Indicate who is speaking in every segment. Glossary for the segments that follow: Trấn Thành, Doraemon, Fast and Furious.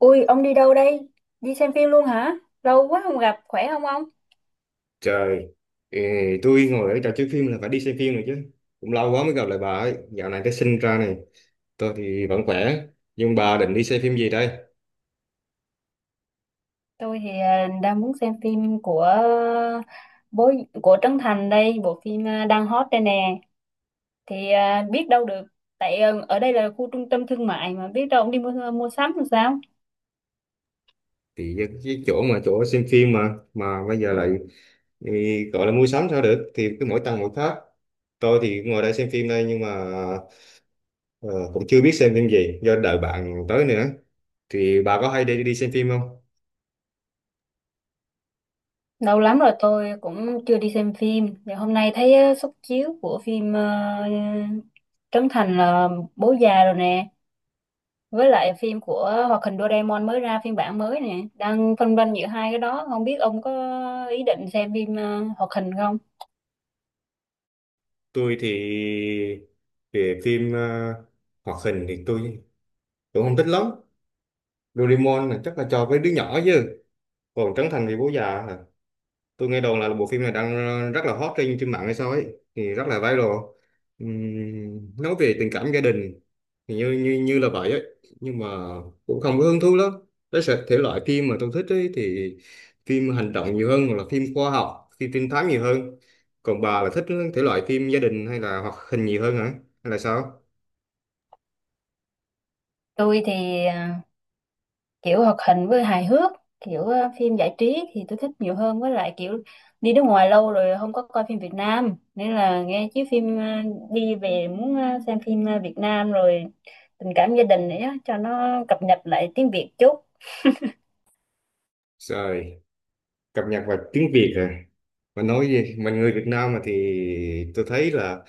Speaker 1: Ui, ông đi đâu đây? Đi xem phim luôn hả? Lâu quá không gặp, khỏe không ông?
Speaker 2: Trời, ừ, tôi ngồi ở trò chơi phim là phải đi xem phim rồi chứ. Cũng lâu quá mới gặp lại bà ấy. Dạo này cái sinh ra này, tôi thì vẫn khỏe. Nhưng bà định đi xem phim gì đây?
Speaker 1: Tôi thì đang muốn xem phim của bố của Trấn Thành đây, bộ phim đang hot đây nè. Thì biết đâu được, tại ở đây là khu trung tâm thương mại mà biết đâu ông đi mua mua sắm làm sao?
Speaker 2: Thì cái chỗ mà chỗ xem phim mà bây giờ lại ừ, gọi là mua sắm sao được? Thì cứ mỗi tầng mỗi khác. Tôi thì ngồi đây xem phim đây nhưng mà ờ, cũng chưa biết xem phim gì do đợi bạn tới nữa. Thì bà có hay đi đi xem phim không?
Speaker 1: Lâu lắm rồi tôi cũng chưa đi xem phim. Thì hôm nay thấy suất chiếu của phim Trấn Thành là bố già rồi nè, với lại phim của hoạt hình Doraemon mới ra phiên bản mới nè, đang phân vân giữa hai cái đó, không biết ông có ý định xem phim hoạt hình không.
Speaker 2: Tôi thì về phim hoạt hình thì tôi cũng không thích lắm. Doraemon là chắc là cho với đứa nhỏ chứ còn Trấn Thành thì bố già à. Tôi nghe đồn là bộ phim này đang rất là hot trên trên mạng hay sao ấy, thì rất là viral. Nói về tình cảm gia đình thì như như như là vậy ấy, nhưng mà cũng không có hứng thú lắm. Thể loại phim mà tôi thích ấy thì phim hành động nhiều hơn hoặc là phim khoa học, phim trinh thám nhiều hơn. Còn bà là thích thể loại phim gia đình hay là hoạt hình nhiều hơn hả, hay là sao?
Speaker 1: Tôi thì kiểu hoạt hình với hài hước, kiểu phim giải trí thì tôi thích nhiều hơn, với lại kiểu đi nước ngoài lâu rồi không có coi phim Việt Nam, nên là nghe chứ phim đi về muốn xem phim Việt Nam rồi, tình cảm gia đình nữa, cho nó cập nhật lại tiếng Việt chút.
Speaker 2: Trời, cập nhật vào tiếng Việt hả? Mà nói gì mình người Việt Nam mà, thì tôi thấy là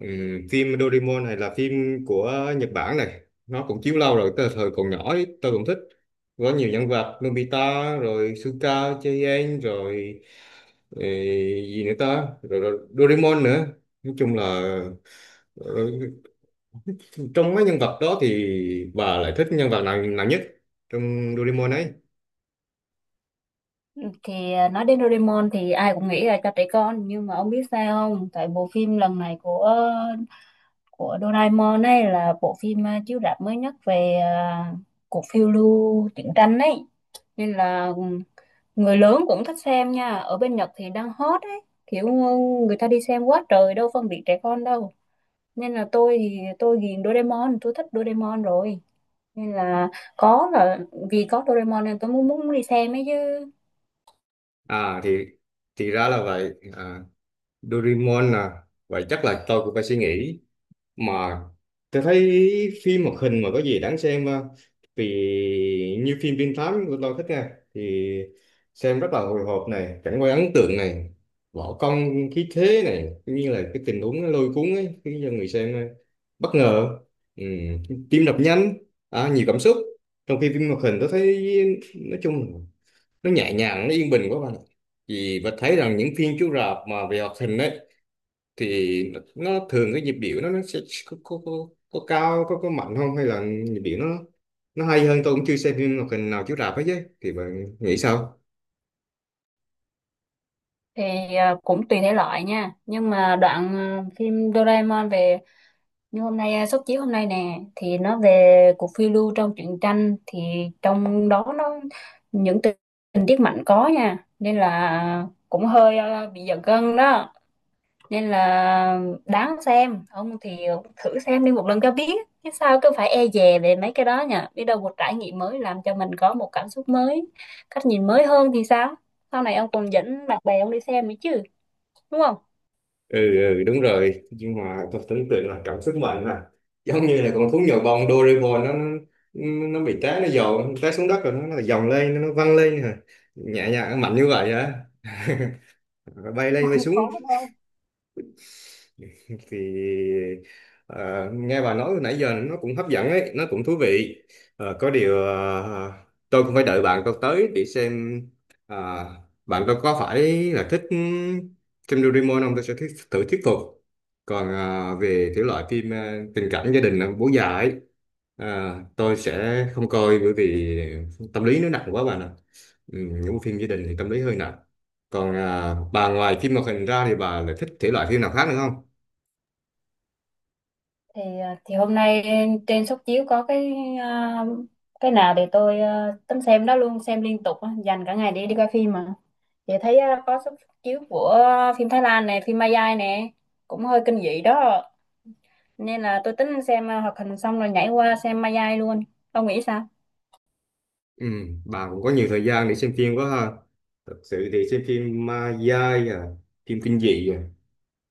Speaker 2: ừ, phim Doraemon này là phim của Nhật Bản này. Nó cũng chiếu lâu rồi, từ thời còn nhỏ ấy, tôi cũng thích. Có nhiều nhân vật Nobita rồi Suka Chien rồi ừ, gì nữa ta, rồi, rồi Doraemon nữa. Nói chung là ừ, trong mấy nhân vật đó thì bà lại thích nhân vật nào nào nhất trong Doraemon ấy?
Speaker 1: Thì nói đến Doraemon thì ai cũng nghĩ là cho trẻ con, nhưng mà ông biết sao không, tại bộ phim lần này của Doraemon ấy là bộ phim chiếu rạp mới nhất về cuộc phiêu lưu truyện tranh ấy, nên là người lớn cũng thích xem nha, ở bên Nhật thì đang hot ấy, kiểu người ta đi xem quá trời, đâu phân biệt trẻ con đâu, nên là tôi thì tôi ghiền Doraemon, tôi thích Doraemon rồi, nên là có là vì có Doraemon nên tôi muốn muốn đi xem ấy chứ.
Speaker 2: À thì ra là vậy à, Doraemon à. Vậy chắc là tôi cũng phải suy nghĩ. Mà tôi thấy phim hoạt hình mà có gì đáng xem ha. Vì như phim Trinh Thám của tôi thích nha, thì xem rất là hồi hộp này, cảnh quay ấn tượng này, võ công khí thế này, cũng như là cái tình huống nó lôi cuốn ấy, khiến cho người xem bất ngờ. Ừ, tim đập nhanh, à, nhiều cảm xúc. Trong khi phim hoạt hình tôi thấy nói chung là nó nhẹ nhàng, nó yên bình quá bạn ạ. Vì và thấy rằng những phim chiếu rạp mà về hoạt hình ấy thì nó thường cái nhịp điệu nó sẽ có, có, có, có cao, có mạnh không, hay là nhịp điệu nó hay hơn. Tôi cũng chưa xem phim hoạt hình nào chiếu rạp hết chứ, thì bạn nghĩ sao?
Speaker 1: Thì cũng tùy thể loại nha, nhưng mà đoạn phim Doraemon về như hôm nay suất chiếu hôm nay nè thì nó về cuộc phiêu lưu trong truyện tranh, thì trong đó nó những tình tình tiết mạnh có nha, nên là cũng hơi bị giật gân đó, nên là đáng xem. Ông thì thử xem đi một lần cho biết, chứ sao cứ phải e dè về mấy cái đó nha, biết đâu một trải nghiệm mới làm cho mình có một cảm xúc mới, cách nhìn mới hơn thì sao, sau này ông còn dẫn bạn bè ông đi xem nữa chứ, đúng không?
Speaker 2: Ừ, ừ đúng rồi, nhưng mà tôi tưởng tượng là cảm xúc mạnh à, giống như là con thú nhồi bông Doraemon nó, nó bị té, nó dồn té xuống đất, rồi nó dòng lên, nó văng lên à. Nhẹ nhàng mạnh như vậy hả? Bay lên bay xuống.
Speaker 1: Có được không?
Speaker 2: Thì ờ, nghe bà nói nãy giờ nó cũng hấp dẫn ấy, nó cũng thú vị. Ờ, có điều tôi cũng phải đợi bạn tôi tới để xem, ờ, bạn tôi có phải là thích phim Doraemon không, thử thuyết phục. Còn về thể loại phim tình cảm gia đình, bố già ấy, tôi sẽ không coi, bởi vì tâm lý nó nặng quá bạn ạ. Ừ, những bộ phim gia đình thì tâm lý hơi nặng. Còn à, bà ngoài phim hoạt hình ra thì bà lại thích thể loại phim nào khác nữa không?
Speaker 1: Thì thì hôm nay trên suất chiếu có cái à, cái nào để tôi tính xem đó luôn, xem liên tục á, dành cả ngày để đi coi phim mà, thì thấy có suất chiếu của phim Thái Lan này, phim Malaysia nè, cũng hơi kinh dị đó, nên là tôi tính xem hoạt hình xong rồi nhảy qua xem Malaysia luôn. Ông nghĩ sao?
Speaker 2: Ừ, bà cũng có nhiều thời gian để xem phim quá ha. Thật sự thì xem phim ma dai à, phim kinh dị à.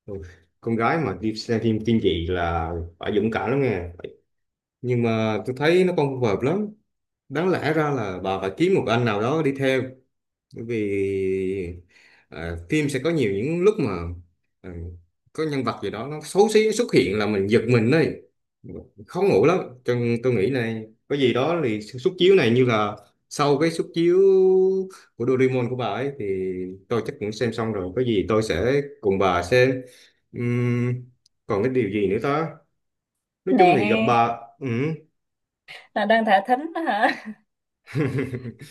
Speaker 2: Ừ, con gái mà đi xem phim kinh dị là phải dũng cảm lắm nghe. Nhưng mà tôi thấy nó không phù hợp lắm. Đáng lẽ ra là bà phải kiếm một anh nào đó đi theo, bởi vì à, phim sẽ có nhiều những lúc mà à, có nhân vật gì đó nó xấu xí xuất hiện là mình giật mình đấy, khó ngủ lắm. Cho nên tôi nghĩ này, có gì đó thì suất chiếu này như là sau cái suất chiếu của Doraemon của bà ấy thì tôi chắc cũng xem xong rồi, có gì tôi sẽ cùng bà xem. Ừm, còn cái điều gì nữa ta, nói chung thì gặp
Speaker 1: Nè,
Speaker 2: bà. Ừ.
Speaker 1: là đang thả thính đó hả?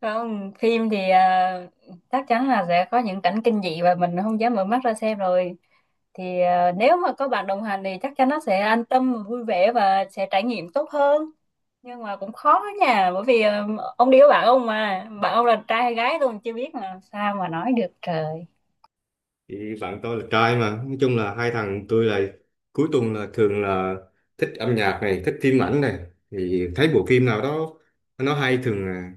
Speaker 1: Không, phim thì chắc chắn là sẽ có những cảnh kinh dị và mình không dám mở mắt ra xem rồi. Thì nếu mà có bạn đồng hành thì chắc chắn nó sẽ an tâm, vui vẻ và sẽ trải nghiệm tốt hơn. Nhưng mà cũng khó nha, bởi vì ông đi với bạn ông mà, bạn ông là trai hay gái tôi còn chưa biết mà sao mà nói được trời.
Speaker 2: Thì bạn tôi là trai, mà nói chung là hai thằng tôi là cuối tuần là thường là thích âm nhạc này, thích phim ảnh này, thì thấy bộ phim nào đó nó hay thường là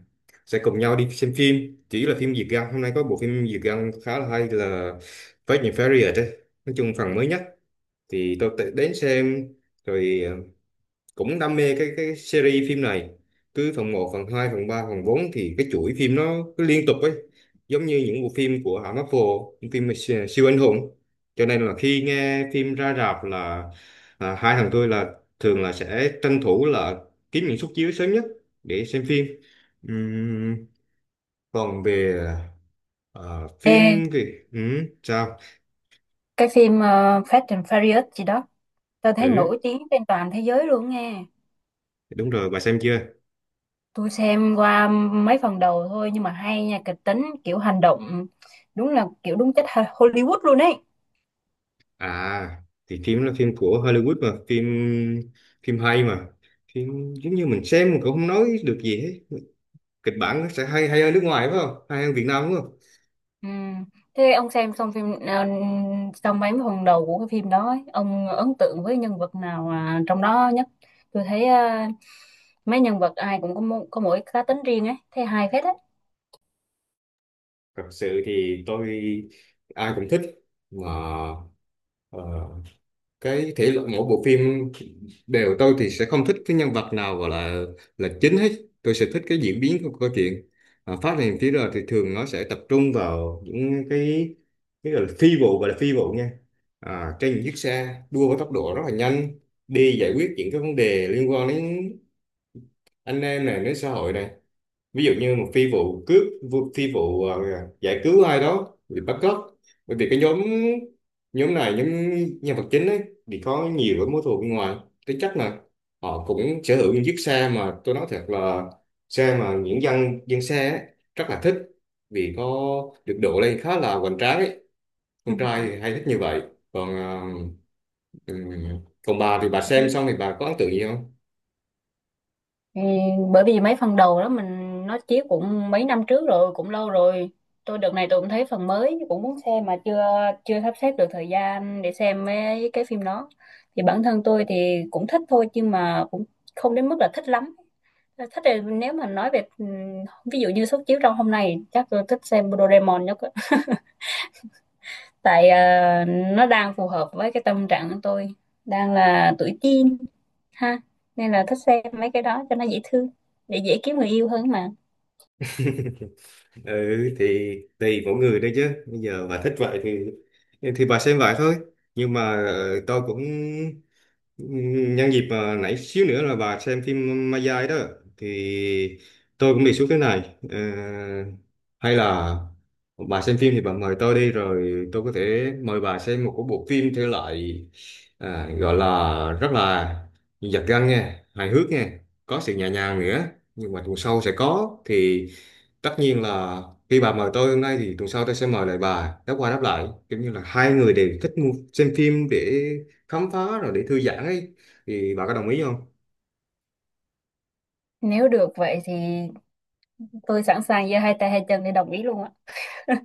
Speaker 2: sẽ cùng nhau đi xem phim. Chỉ là phim Việt Nam, hôm nay có bộ phim Việt Nam khá là hay là Fast and Furious đấy, nói chung phần mới nhất, thì tôi tự đến xem. Rồi cũng đam mê cái series phim này, cứ phần một phần 2 phần 3 phần bốn, thì cái chuỗi phim nó cứ liên tục ấy, giống như những bộ phim của hãng Marvel, những phim siêu anh hùng. Cho nên là khi nghe phim ra rạp là à, hai thằng tôi là thường là sẽ tranh thủ là kiếm những suất chiếu sớm nhất để xem phim. Ừm, còn về à,
Speaker 1: Ê,
Speaker 2: phim thì sao?
Speaker 1: cái phim Fast and Furious gì đó, tôi thấy nổi
Speaker 2: Ừ
Speaker 1: tiếng trên toàn thế giới luôn nghe.
Speaker 2: đúng rồi, bà xem chưa?
Speaker 1: Tôi xem qua mấy phần đầu thôi, nhưng mà hay nha, kịch tính kiểu hành động, đúng là kiểu đúng chất Hollywood luôn ấy.
Speaker 2: À thì phim là phim của Hollywood mà, phim phim hay mà, phim giống như mình xem mình cũng không nói được gì hết. Kịch bản nó sẽ hay, hay hơn nước ngoài phải không, hay hơn Việt Nam đúng không?
Speaker 1: Ừ. Thế ông xem xong phim xong mấy phần đầu của cái phim đó ấy, ông ấn tượng với nhân vật nào trong đó nhất? Tôi thấy mấy nhân vật ai cũng có, có mỗi cá tính riêng ấy, thấy hay phết ấy.
Speaker 2: Thật sự thì tôi ai cũng thích, mà ờ, cái thể loại mỗi bộ phim đều tôi thì sẽ không thích cái nhân vật nào gọi là chính hết. Tôi sẽ thích cái diễn biến của câu chuyện, à, phát hiện phía rồi thì thường nó sẽ tập trung vào những cái gọi là phi vụ, gọi là phi vụ nha, à, trên những chiếc xe đua với tốc độ rất là nhanh, đi giải quyết những cái vấn đề liên quan đến anh em này, đến xã hội này. Ví dụ như một phi vụ cướp, phi vụ giải cứu ai đó bị bắt cóc, bởi vì cái nhóm, nhóm này nhóm nhân vật chính ấy thì có nhiều cái mối thù bên ngoài. Thế chắc là họ cũng sở hữu những chiếc xe mà tôi nói thật là xe mà những dân dân xe ấy, rất là thích, vì có được độ lên khá là hoành tráng ấy. Con trai thì hay thích như vậy. Còn ừm, còn bà thì bà xem
Speaker 1: Ừ.
Speaker 2: xong thì bà có ấn tượng gì không?
Speaker 1: Thì bởi vì mấy phần đầu đó mình nó chiếu cũng mấy năm trước rồi, cũng lâu rồi, tôi đợt này tôi cũng thấy phần mới cũng muốn xem mà chưa chưa sắp xếp được thời gian để xem mấy cái phim đó, thì bản thân tôi thì cũng thích thôi, nhưng mà cũng không đến mức là thích lắm. Thích thì nếu mà nói về ừ, ví dụ như suất chiếu trong hôm nay, chắc tôi thích xem Doraemon nhất á. Tại nó đang phù hợp với cái tâm trạng của tôi đang là tuổi teen ha, nên là thích xem mấy cái đó cho nó dễ thương, để dễ kiếm người yêu hơn mà.
Speaker 2: Ừ thì tùy mỗi người đấy chứ, bây giờ bà thích vậy thì bà xem vậy thôi. Nhưng mà tôi cũng nhân dịp à, nãy xíu nữa là bà xem phim Ma Dai đó thì tôi cũng đề xuất thế này. Ờ, hay là bà xem phim thì bà mời tôi đi, rồi tôi có thể mời bà xem một cái bộ phim thể loại à, gọi là rất là giật gân nha, hài hước nha, có sự nhẹ nhàng nữa, nhưng mà tuần sau sẽ có, thì tất nhiên là khi bà mời tôi hôm nay thì tuần sau tôi sẽ mời lại bà, đáp qua đáp lại, kiểu như là hai người đều thích xem phim để khám phá rồi để thư giãn ấy. Thì bà có đồng ý không?
Speaker 1: Nếu được vậy thì tôi sẵn sàng giơ hai tay hai chân để đồng ý luôn á.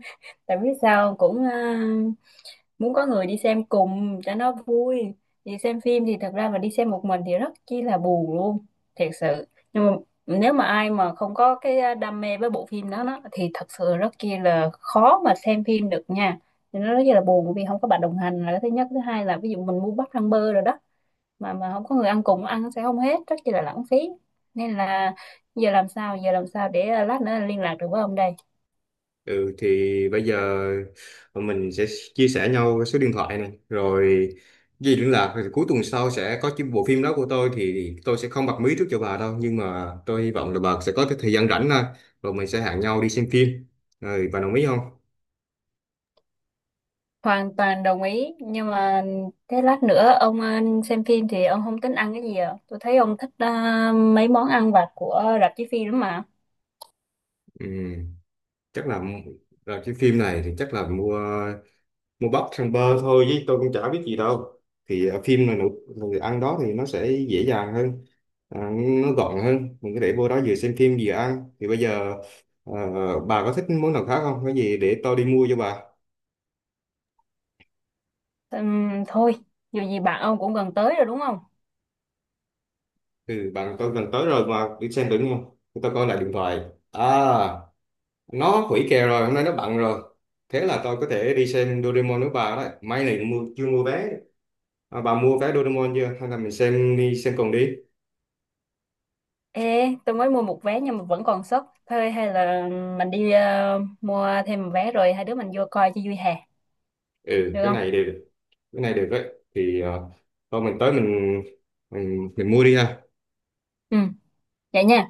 Speaker 1: Tại biết sao cũng muốn có người đi xem cùng cho nó vui, thì xem phim thì thật ra mà đi xem một mình thì rất chi là buồn luôn, thiệt sự. Nhưng mà nếu mà ai mà không có cái đam mê với bộ phim đó, đó thì thật sự rất chi là khó mà xem phim được nha, thì nó rất là buồn vì không có bạn đồng hành là cái thứ nhất. Thứ hai là ví dụ mình mua bắp rang bơ rồi đó, mà không có người ăn cùng, ăn sẽ không hết, rất chi là lãng phí. Nên là giờ làm sao, giờ làm sao để lát nữa liên lạc được với ông đây?
Speaker 2: Ừ thì bây giờ mình sẽ chia sẻ nhau cái số điện thoại này rồi gì liên lạc, rồi cuối tuần sau sẽ có cái bộ phim đó của tôi thì tôi sẽ không bật mí trước cho bà đâu, nhưng mà tôi hy vọng là bà sẽ có cái thời gian rảnh thôi, rồi mình sẽ hẹn nhau đi xem phim, rồi bà đồng ý không?
Speaker 1: Hoàn toàn đồng ý, nhưng mà thế lát nữa ông xem phim thì ông không tính ăn cái gì à? Tôi thấy ông thích mấy món ăn vặt của rạp chiếu phim lắm mà.
Speaker 2: Ừ, chắc là cái phim này thì chắc là mua, mua bắp thằng bơ thôi chứ tôi cũng chả biết gì đâu. Thì ở phim là nụ người ăn đó thì nó sẽ dễ dàng hơn, à, nó gọn hơn, mình có thể vô đó vừa xem phim vừa ăn. Thì bây giờ ờ, bà có thích món nào khác không, có gì để tôi đi mua cho bà.
Speaker 1: Thôi, dù gì bạn ông cũng gần tới rồi đúng không?
Speaker 2: Ừ bạn tôi gần tới rồi mà, đi xem thử đúng không? Để tôi coi lại điện thoại. À, nó hủy kèo rồi, hôm nay nó bận rồi. Thế là tôi có thể đi xem Doraemon với bà đấy, may này mua chưa mua vé. À, bà mua vé Doraemon chưa, hay là mình xem đi xem cùng đi?
Speaker 1: Ê, tôi mới mua một vé nhưng mà vẫn còn sốc thôi, hay là mình đi mua thêm một vé rồi hai đứa mình vô coi cho vui hè?
Speaker 2: Ừ
Speaker 1: Được
Speaker 2: cái
Speaker 1: không?
Speaker 2: này đều được. Cái này được đấy. Thì thôi mình tới mình mình mua đi ha.
Speaker 1: Ừ, vậy nha.